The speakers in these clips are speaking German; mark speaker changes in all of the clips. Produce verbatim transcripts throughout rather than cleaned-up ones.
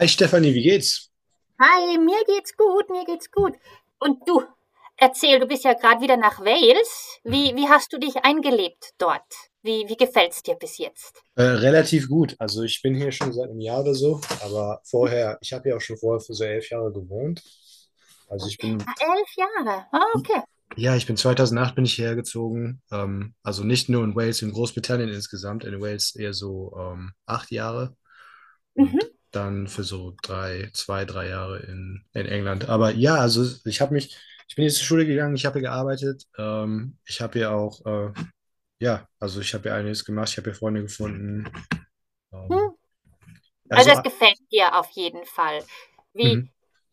Speaker 1: Hi Stefanie, wie geht's?
Speaker 2: Hi, mir geht's gut, mir geht's gut. Und du, erzähl, du bist ja gerade wieder nach Wales. Wie, wie hast du dich eingelebt dort? Wie, wie gefällt's dir bis jetzt?
Speaker 1: Äh, relativ gut. Also ich bin hier schon seit einem Jahr oder so, aber vorher, ich habe ja auch schon vorher für so elf Jahre gewohnt. Also ich bin,
Speaker 2: Ah, elf Jahre. Ah, okay.
Speaker 1: ja, ich bin zweitausendacht bin ich hierher gezogen. Ähm, also nicht nur in Wales, in Großbritannien insgesamt. In Wales eher so ähm, acht Jahre
Speaker 2: Mhm.
Speaker 1: und dann für so drei, zwei, drei Jahre in, in England. Aber ja, also ich habe mich, ich bin jetzt zur Schule gegangen, ich habe hier gearbeitet. Ähm, ich habe hier auch, äh, ja, also ich habe hier einiges gemacht. Ich habe hier Freunde gefunden. Ähm,
Speaker 2: Hm. Also
Speaker 1: Also,
Speaker 2: es
Speaker 1: ah,
Speaker 2: gefällt dir auf jeden Fall. Wie,
Speaker 1: mhm.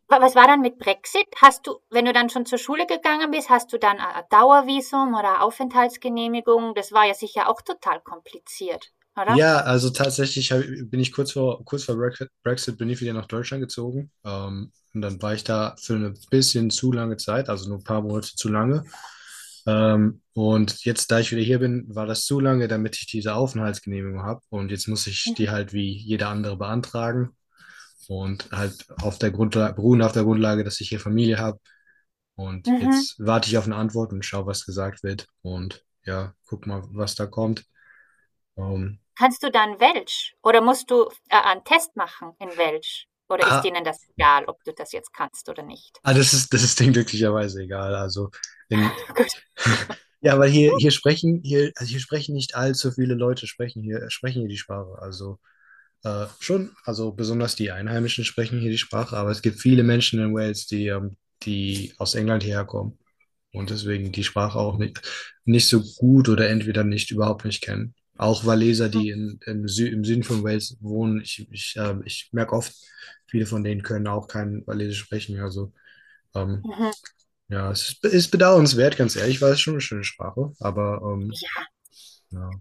Speaker 2: wa- was war dann mit Brexit? Hast du, wenn du dann schon zur Schule gegangen bist, hast du dann ein Dauervisum oder Aufenthaltsgenehmigung? Das war ja sicher auch total kompliziert, oder?
Speaker 1: Ja, also tatsächlich hab, bin ich kurz vor, kurz vor Brexit, Brexit bin ich wieder nach Deutschland gezogen. Ähm, und dann war ich da für eine bisschen zu lange Zeit, also nur ein paar Monate zu lange. Ähm, und jetzt, da ich wieder hier bin, war das zu lange, damit ich diese Aufenthaltsgenehmigung habe. Und jetzt muss ich
Speaker 2: Mhm.
Speaker 1: die halt wie jeder andere beantragen. Und halt auf der Grundlage, beruhen auf der Grundlage, dass ich hier Familie habe. Und
Speaker 2: Mhm.
Speaker 1: jetzt warte ich auf eine Antwort und schaue, was gesagt wird. Und ja, guck mal, was da kommt. Ähm,
Speaker 2: Kannst du dann Welsch oder musst du äh, einen Test machen in Welsch? Oder ist
Speaker 1: ah,
Speaker 2: denen das egal, ob du das jetzt kannst oder nicht?
Speaker 1: ah, das ist, das ist denen glücklicherweise egal. Also in,
Speaker 2: Gut.
Speaker 1: ja, weil hier, hier sprechen, hier, also hier sprechen nicht allzu viele Leute sprechen hier, sprechen hier die Sprache. Also äh, schon, also besonders die Einheimischen sprechen hier die Sprache, aber es gibt viele Menschen in Wales, die, ähm, die aus England hierher kommen. Und deswegen die Sprache auch nicht, nicht so gut oder entweder nicht überhaupt nicht kennen. Auch Waliser, die in, im, Sü im Süden von Wales wohnen, ich, ich, äh, ich merke oft, viele von denen können auch kein Walisisch sprechen. Also ähm,
Speaker 2: Mhm.
Speaker 1: ja, es ist, ist bedauernswert, ganz ehrlich, weil es schon eine schöne Sprache, aber ähm,
Speaker 2: Ja,
Speaker 1: ja.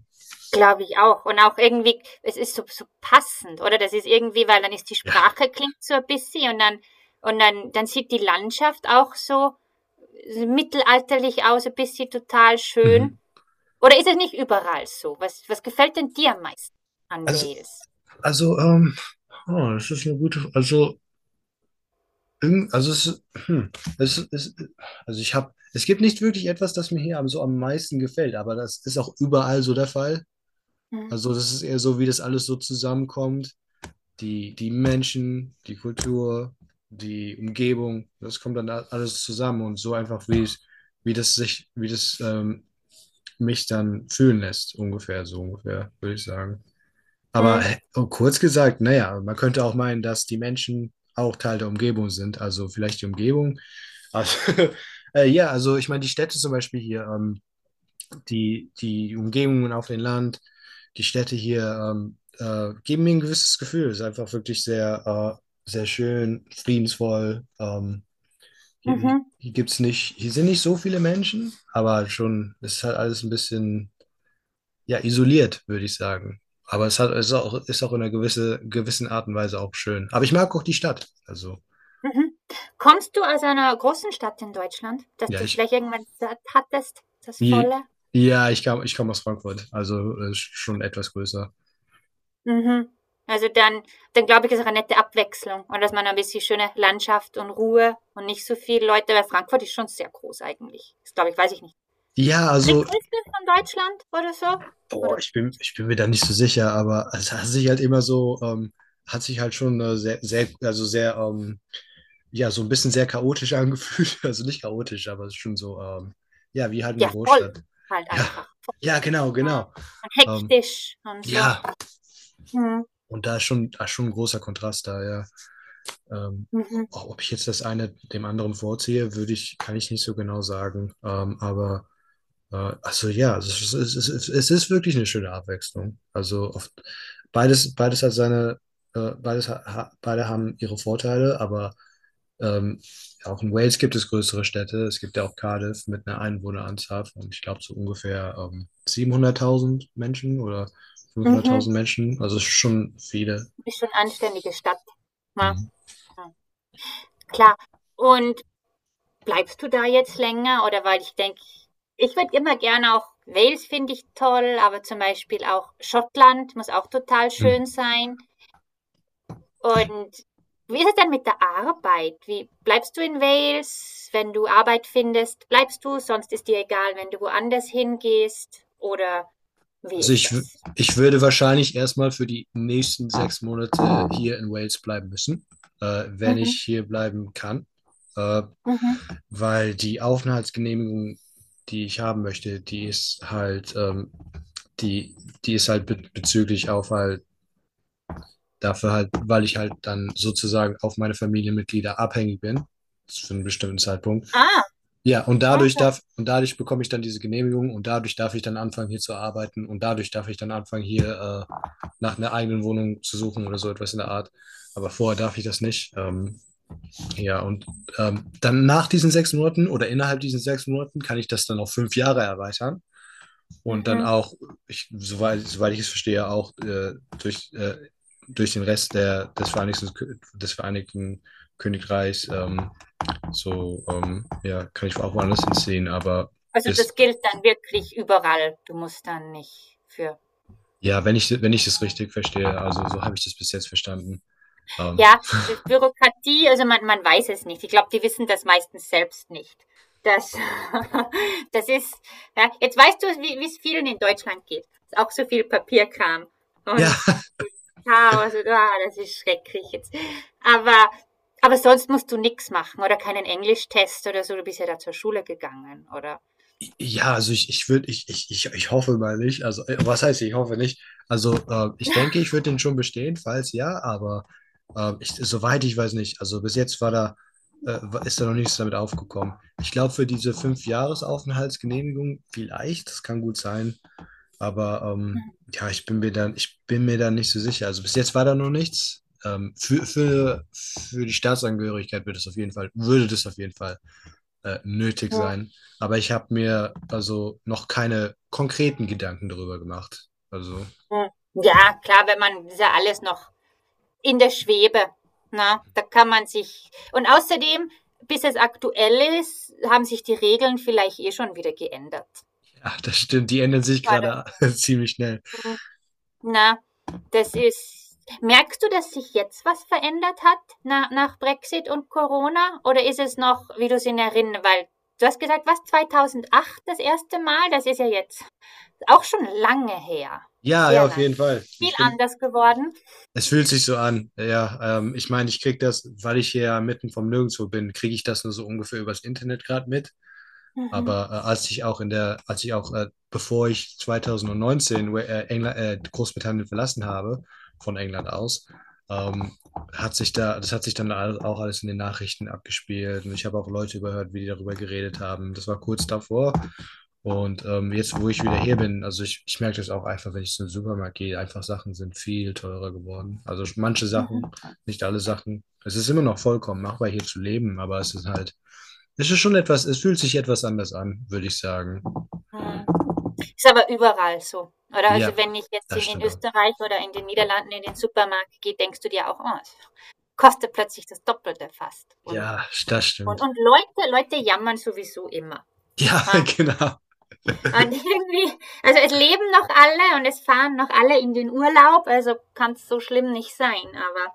Speaker 2: glaube ich auch. Und auch irgendwie, es ist so, so passend, oder? Das ist irgendwie, weil dann ist die
Speaker 1: Ja.
Speaker 2: Sprache klingt so ein bisschen und dann, und dann, dann sieht die Landschaft auch so mittelalterlich aus, ein bisschen total schön.
Speaker 1: Mhm.
Speaker 2: Oder ist es nicht überall so? Was, was gefällt denn dir am meisten an
Speaker 1: Also,
Speaker 2: Wales?
Speaker 1: also ähm, oh, das ist eine gute, also Irgend- Also es, hm, es, es, also ich habe, es gibt nicht wirklich etwas, das mir hier am, so am meisten gefällt, aber das ist auch überall so der Fall.
Speaker 2: Mhm.
Speaker 1: Also das ist eher so, wie das alles so zusammenkommt. Die, die Menschen, die Kultur, die Umgebung, das kommt dann a- alles zusammen und so einfach, wie es, wie das sich, wie das ähm, mich dann fühlen lässt, ungefähr, so ungefähr, würde ich sagen. Aber äh,
Speaker 2: Mhm.
Speaker 1: und kurz gesagt, naja, man könnte auch meinen, dass die Menschen auch Teil der Umgebung sind. Also vielleicht die Umgebung. Also, äh, ja, also ich meine, die Städte zum Beispiel hier, ähm, die, die Umgebungen auf dem Land, die Städte hier ähm, äh, geben mir ein gewisses Gefühl. Es ist einfach wirklich sehr, äh, sehr schön, friedensvoll. Ähm, hier
Speaker 2: Mhm.
Speaker 1: hier gibt's nicht, hier sind nicht so viele Menschen, aber schon, es ist halt alles ein bisschen ja, isoliert, würde ich sagen. Aber es hat, es ist auch, ist auch in einer gewisse, gewissen Art und Weise auch schön. Aber ich mag auch die Stadt. Also,
Speaker 2: Mhm. Kommst du aus einer großen Stadt in Deutschland, dass
Speaker 1: ja,
Speaker 2: du
Speaker 1: ich,
Speaker 2: vielleicht irgendwann satt hattest, das
Speaker 1: je-
Speaker 2: Volle?
Speaker 1: ja, ich kam, ich komme aus Frankfurt, also äh, schon etwas größer.
Speaker 2: Mhm. Also dann dann glaube ich, ist auch eine nette Abwechslung und dass man ein bisschen schöne Landschaft und Ruhe und nicht so viele Leute, weil Frankfurt ist schon sehr groß eigentlich. Ist, glaube ich, weiß ich nicht,
Speaker 1: Ja, also,
Speaker 2: drittgrößte von Deutschland oder so? Oder
Speaker 1: boah, ich bin, ich bin mir da nicht so sicher, aber es hat sich halt immer so, ähm, hat sich halt schon äh, sehr, sehr, also sehr, ähm, ja, so ein bisschen sehr chaotisch angefühlt. Also nicht chaotisch, aber es ist schon so, ähm, ja, wie halt eine
Speaker 2: ja, voll
Speaker 1: Großstadt.
Speaker 2: halt
Speaker 1: Ja,
Speaker 2: einfach,
Speaker 1: ja,
Speaker 2: voll.
Speaker 1: genau,
Speaker 2: Ja,
Speaker 1: genau.
Speaker 2: und
Speaker 1: Ähm,
Speaker 2: hektisch und so.
Speaker 1: ja.
Speaker 2: Mhm,
Speaker 1: Und da ist schon, da ist schon ein großer Kontrast da, ja. Ähm,
Speaker 2: mhm,
Speaker 1: Auch ob ich jetzt das eine dem anderen vorziehe, würde ich, kann ich nicht so genau sagen. Ähm, aber äh, also ja, es ist, es ist, es ist wirklich eine schöne Abwechslung. Also oft, beides, beides hat seine, äh, beides ha, ha- beide haben ihre Vorteile, aber ähm, auch in Wales gibt es größere Städte. Es gibt ja auch Cardiff mit einer Einwohneranzahl von, ich glaube, so ungefähr ähm, siebenhunderttausend Menschen oder
Speaker 2: mhm.
Speaker 1: fünfhunderttausend Menschen. Also es ist schon viele.
Speaker 2: Ist schon eine anständige Stadt. Ja, ja, klar. Und bleibst du da jetzt länger? Oder weil ich denke, ich würde immer gerne auch, Wales finde ich toll, aber zum Beispiel auch Schottland muss auch total
Speaker 1: Hm.
Speaker 2: schön sein. Und wie ist es denn mit der Arbeit? Wie bleibst du in Wales, wenn du Arbeit findest? Bleibst du, sonst ist dir egal, wenn du woanders hingehst? Oder wie
Speaker 1: Also
Speaker 2: ist
Speaker 1: ich, w-
Speaker 2: das?
Speaker 1: Ich würde wahrscheinlich erstmal für die nächsten sechs Monate hier in Wales bleiben müssen, äh, wenn ich
Speaker 2: Mhm,
Speaker 1: hier bleiben kann, äh,
Speaker 2: mhm.
Speaker 1: weil die Aufenthaltsgenehmigung, die ich haben möchte, die ist halt, ähm, die, die ist halt be bezüglich Aufhalt dafür halt, weil ich halt dann sozusagen auf meine Familienmitglieder abhängig bin, für einen bestimmten Zeitpunkt.
Speaker 2: Ah,
Speaker 1: Ja, und dadurch
Speaker 2: okay.
Speaker 1: darf, und dadurch bekomme ich dann diese Genehmigung und dadurch darf ich dann anfangen, hier zu arbeiten und dadurch darf ich dann anfangen, hier äh, nach einer eigenen Wohnung zu suchen oder so etwas in der Art. Aber vorher darf ich das nicht. Ähm, ja, und ähm, dann nach diesen sechs Monaten oder innerhalb diesen sechs Monaten kann ich das dann auf fünf Jahre erweitern und dann
Speaker 2: Mhm.
Speaker 1: auch, ich, soweit, soweit ich es verstehe, auch äh, durch, äh, durch den Rest der, des, Vereinigten, des Vereinigten Königreichs ähm, so, ähm, ja, kann ich auch woanders hinziehen, aber
Speaker 2: Also das
Speaker 1: bis,
Speaker 2: gilt dann wirklich überall. Du musst dann nicht für...
Speaker 1: ja, wenn ich, wenn ich das richtig verstehe, also so habe ich das bis jetzt verstanden. Ähm,
Speaker 2: Ja, das Bürokratie, also man, man weiß es nicht. Ich glaube, die wissen das meistens selbst nicht. Das, das ist, ja, jetzt weißt du, wie es vielen in Deutschland geht. Ist auch so viel Papierkram
Speaker 1: ja.
Speaker 2: und Chaos und ah, das ist schrecklich jetzt. Aber, aber sonst musst du nichts machen oder keinen Englischtest oder so. Du bist ja da zur Schule gegangen, oder?
Speaker 1: Ja, also ich, ich würde, ich, ich, ich, ich hoffe mal nicht. Also, äh, was heißt, ich hoffe nicht? Also, äh, ich denke, ich würde den schon bestehen, falls ja, aber äh, ich, soweit ich weiß nicht. Also, bis jetzt war da, äh, war- ist da noch nichts damit aufgekommen. Ich glaube, für diese Fünf-Jahres-Aufenthaltsgenehmigung vielleicht, das kann gut sein. Aber ähm, ja, ich bin mir dann, ich bin mir da nicht so sicher. Also bis jetzt war da noch nichts. Ähm, für, für, für die Staatsangehörigkeit wird es auf jeden Fall, würde das auf jeden Fall äh, nötig
Speaker 2: Hm,
Speaker 1: sein. Aber ich habe mir also noch keine konkreten Gedanken darüber gemacht. Also,
Speaker 2: hm. Ja, klar, wenn man, das ist ja alles noch in der Schwebe. Na, da kann man sich. Und außerdem, bis es aktuell ist, haben sich die Regeln vielleicht eh schon wieder geändert.
Speaker 1: ja, das stimmt, die ändern sich
Speaker 2: Warte,
Speaker 1: gerade ziemlich schnell.
Speaker 2: hm, na, das ist. Merkst du, dass sich jetzt was verändert hat, na, nach Brexit und Corona? Oder ist es noch, wie du es in Erinnerung, weil du hast gesagt, was, zweitausendacht das erste Mal? Das ist ja jetzt auch schon lange her.
Speaker 1: Ja, ja,
Speaker 2: Sehr
Speaker 1: auf
Speaker 2: lange.
Speaker 1: jeden Fall.
Speaker 2: Viel
Speaker 1: Ich bin,
Speaker 2: anders geworden.
Speaker 1: es fühlt sich so an. Ja, ähm, ich meine, ich kriege das, weil ich hier ja mitten vom Nirgendwo bin, kriege ich das nur so ungefähr übers Internet gerade mit.
Speaker 2: Mhm.
Speaker 1: Aber äh, als ich auch in der, als ich auch, äh, bevor ich zwanzig neunzehn äh, England, äh, Großbritannien verlassen habe, von England aus, ähm, hat sich da, das hat sich dann all- auch alles in den Nachrichten abgespielt. Und ich habe auch Leute überhört, wie die darüber geredet haben. Das war kurz davor. Und ähm, jetzt, wo ich wieder hier bin, also ich, ich merke das auch einfach, wenn ich zum Supermarkt gehe, einfach Sachen sind viel teurer geworden. Also manche
Speaker 2: Mhm.
Speaker 1: Sachen, nicht alle Sachen. Es ist immer noch vollkommen machbar, hier zu leben, aber es ist halt es ist schon etwas, es fühlt sich etwas anders an, würde ich sagen.
Speaker 2: Mhm. Ist aber überall so, oder? Also,
Speaker 1: Ja,
Speaker 2: wenn ich jetzt
Speaker 1: das
Speaker 2: in in
Speaker 1: stimmt auch.
Speaker 2: Österreich oder in den Niederlanden in den Supermarkt gehe, denkst du dir auch: „Oh, es kostet plötzlich das Doppelte fast.“ Und
Speaker 1: Ja, das
Speaker 2: und
Speaker 1: stimmt.
Speaker 2: und Leute Leute jammern sowieso immer,
Speaker 1: Ja,
Speaker 2: ha.
Speaker 1: genau.
Speaker 2: Und irgendwie also, es leben noch alle und es fahren noch alle in den Urlaub, also kann es so schlimm nicht sein. Aber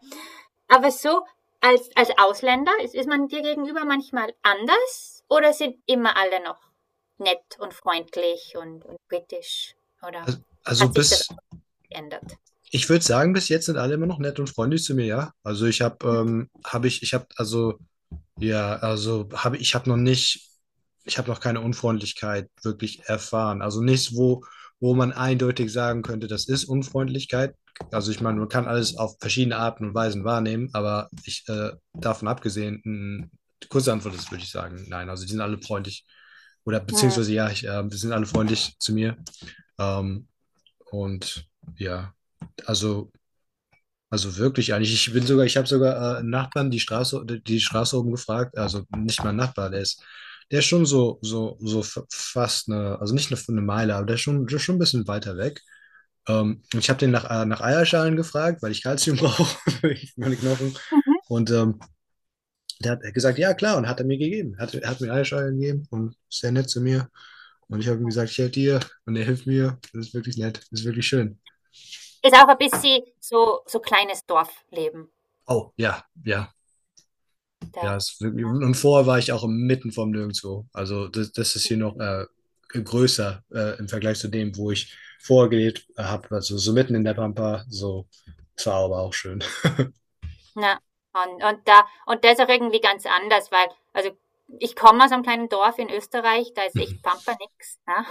Speaker 2: aber so als als Ausländer, ist ist man dir gegenüber manchmal anders oder sind immer alle noch nett und freundlich und und britisch, oder
Speaker 1: Also, also
Speaker 2: hat sich das
Speaker 1: bis,
Speaker 2: ändert.
Speaker 1: ich würde sagen, bis jetzt sind alle immer noch nett und freundlich zu mir, ja. Also ich habe, ähm, habe ich, ich habe, also Ja, also habe ich habe noch nicht, ich habe noch keine Unfreundlichkeit wirklich erfahren. Also nichts, wo, wo man eindeutig sagen könnte, das ist Unfreundlichkeit. Also ich meine, man kann alles auf verschiedene Arten und Weisen wahrnehmen, aber ich äh, davon abgesehen, mh, die kurze Antwort ist, würde ich sagen, nein. Also die sind alle freundlich oder
Speaker 2: Mhm.
Speaker 1: beziehungsweise ja, ich, äh, die sind alle freundlich zu mir. Ähm, und ja, also also wirklich eigentlich. Ich bin sogar, ich habe sogar äh, einen Nachbarn die Straße, die Straße oben gefragt, also nicht mein Nachbar, der ist, der ist schon so, so, so f- fast eine, also nicht eine, eine Meile, aber der ist schon, schon ein bisschen weiter weg. Ähm, ich habe den nach, äh, nach Eierschalen gefragt, weil ich Kalzium brauche für meine Knochen.
Speaker 2: Mhm.
Speaker 1: Und ähm, der hat gesagt, ja klar, und hat er mir gegeben. Hat, hat mir Eierschalen gegeben und ist sehr nett zu mir. Und ich habe ihm gesagt, ich helfe dir und er hilft mir. Das ist wirklich nett, das ist wirklich schön.
Speaker 2: Ist auch ein bisschen so, so kleines Dorfleben.
Speaker 1: Oh, ja, ja, ja,
Speaker 2: Da
Speaker 1: es, und vorher war ich auch mitten vom Nirgendwo. Also das, das ist hier noch äh, größer äh, im Vergleich zu dem, wo ich vorher gelebt habe. Also so mitten in der Pampa. So, das war aber auch schön.
Speaker 2: ja, und und da und das auch irgendwie ganz anders, weil also, ich komme aus einem kleinen Dorf in Österreich, da ist
Speaker 1: Mhm.
Speaker 2: echt Pampa nix, ne?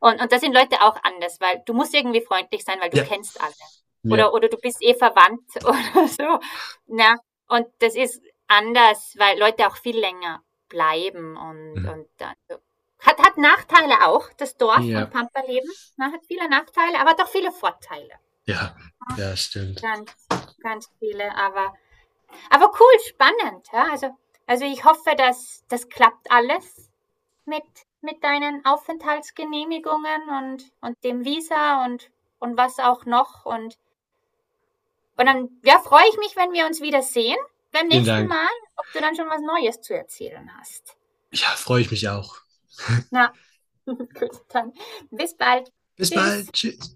Speaker 2: Und und da sind Leute auch anders, weil du musst irgendwie freundlich sein, weil du
Speaker 1: Ja.
Speaker 2: kennst alle.
Speaker 1: Ja,
Speaker 2: Oder oder du bist eh verwandt oder so, ne? Und das ist anders, weil Leute auch viel länger bleiben und
Speaker 1: Mhm.
Speaker 2: und dann so hat hat Nachteile auch, das Dorf und
Speaker 1: Ja,
Speaker 2: Pampa-Leben, ne? Hat viele Nachteile, aber doch viele Vorteile.
Speaker 1: ja, ja, stimmt.
Speaker 2: Ganz, ganz viele, aber aber cool, spannend. Ja? Also, also ich hoffe, dass das klappt alles mit, mit deinen Aufenthaltsgenehmigungen und, und dem Visa und, und was auch noch. Und, und dann ja, freue ich mich, wenn wir uns wiedersehen beim
Speaker 1: Vielen
Speaker 2: nächsten
Speaker 1: Dank.
Speaker 2: Mal, ob du dann schon was Neues zu erzählen hast.
Speaker 1: Ja, freue ich mich auch.
Speaker 2: Na, gut, dann bis bald.
Speaker 1: Bis bald.
Speaker 2: Tschüss.
Speaker 1: Tschüss.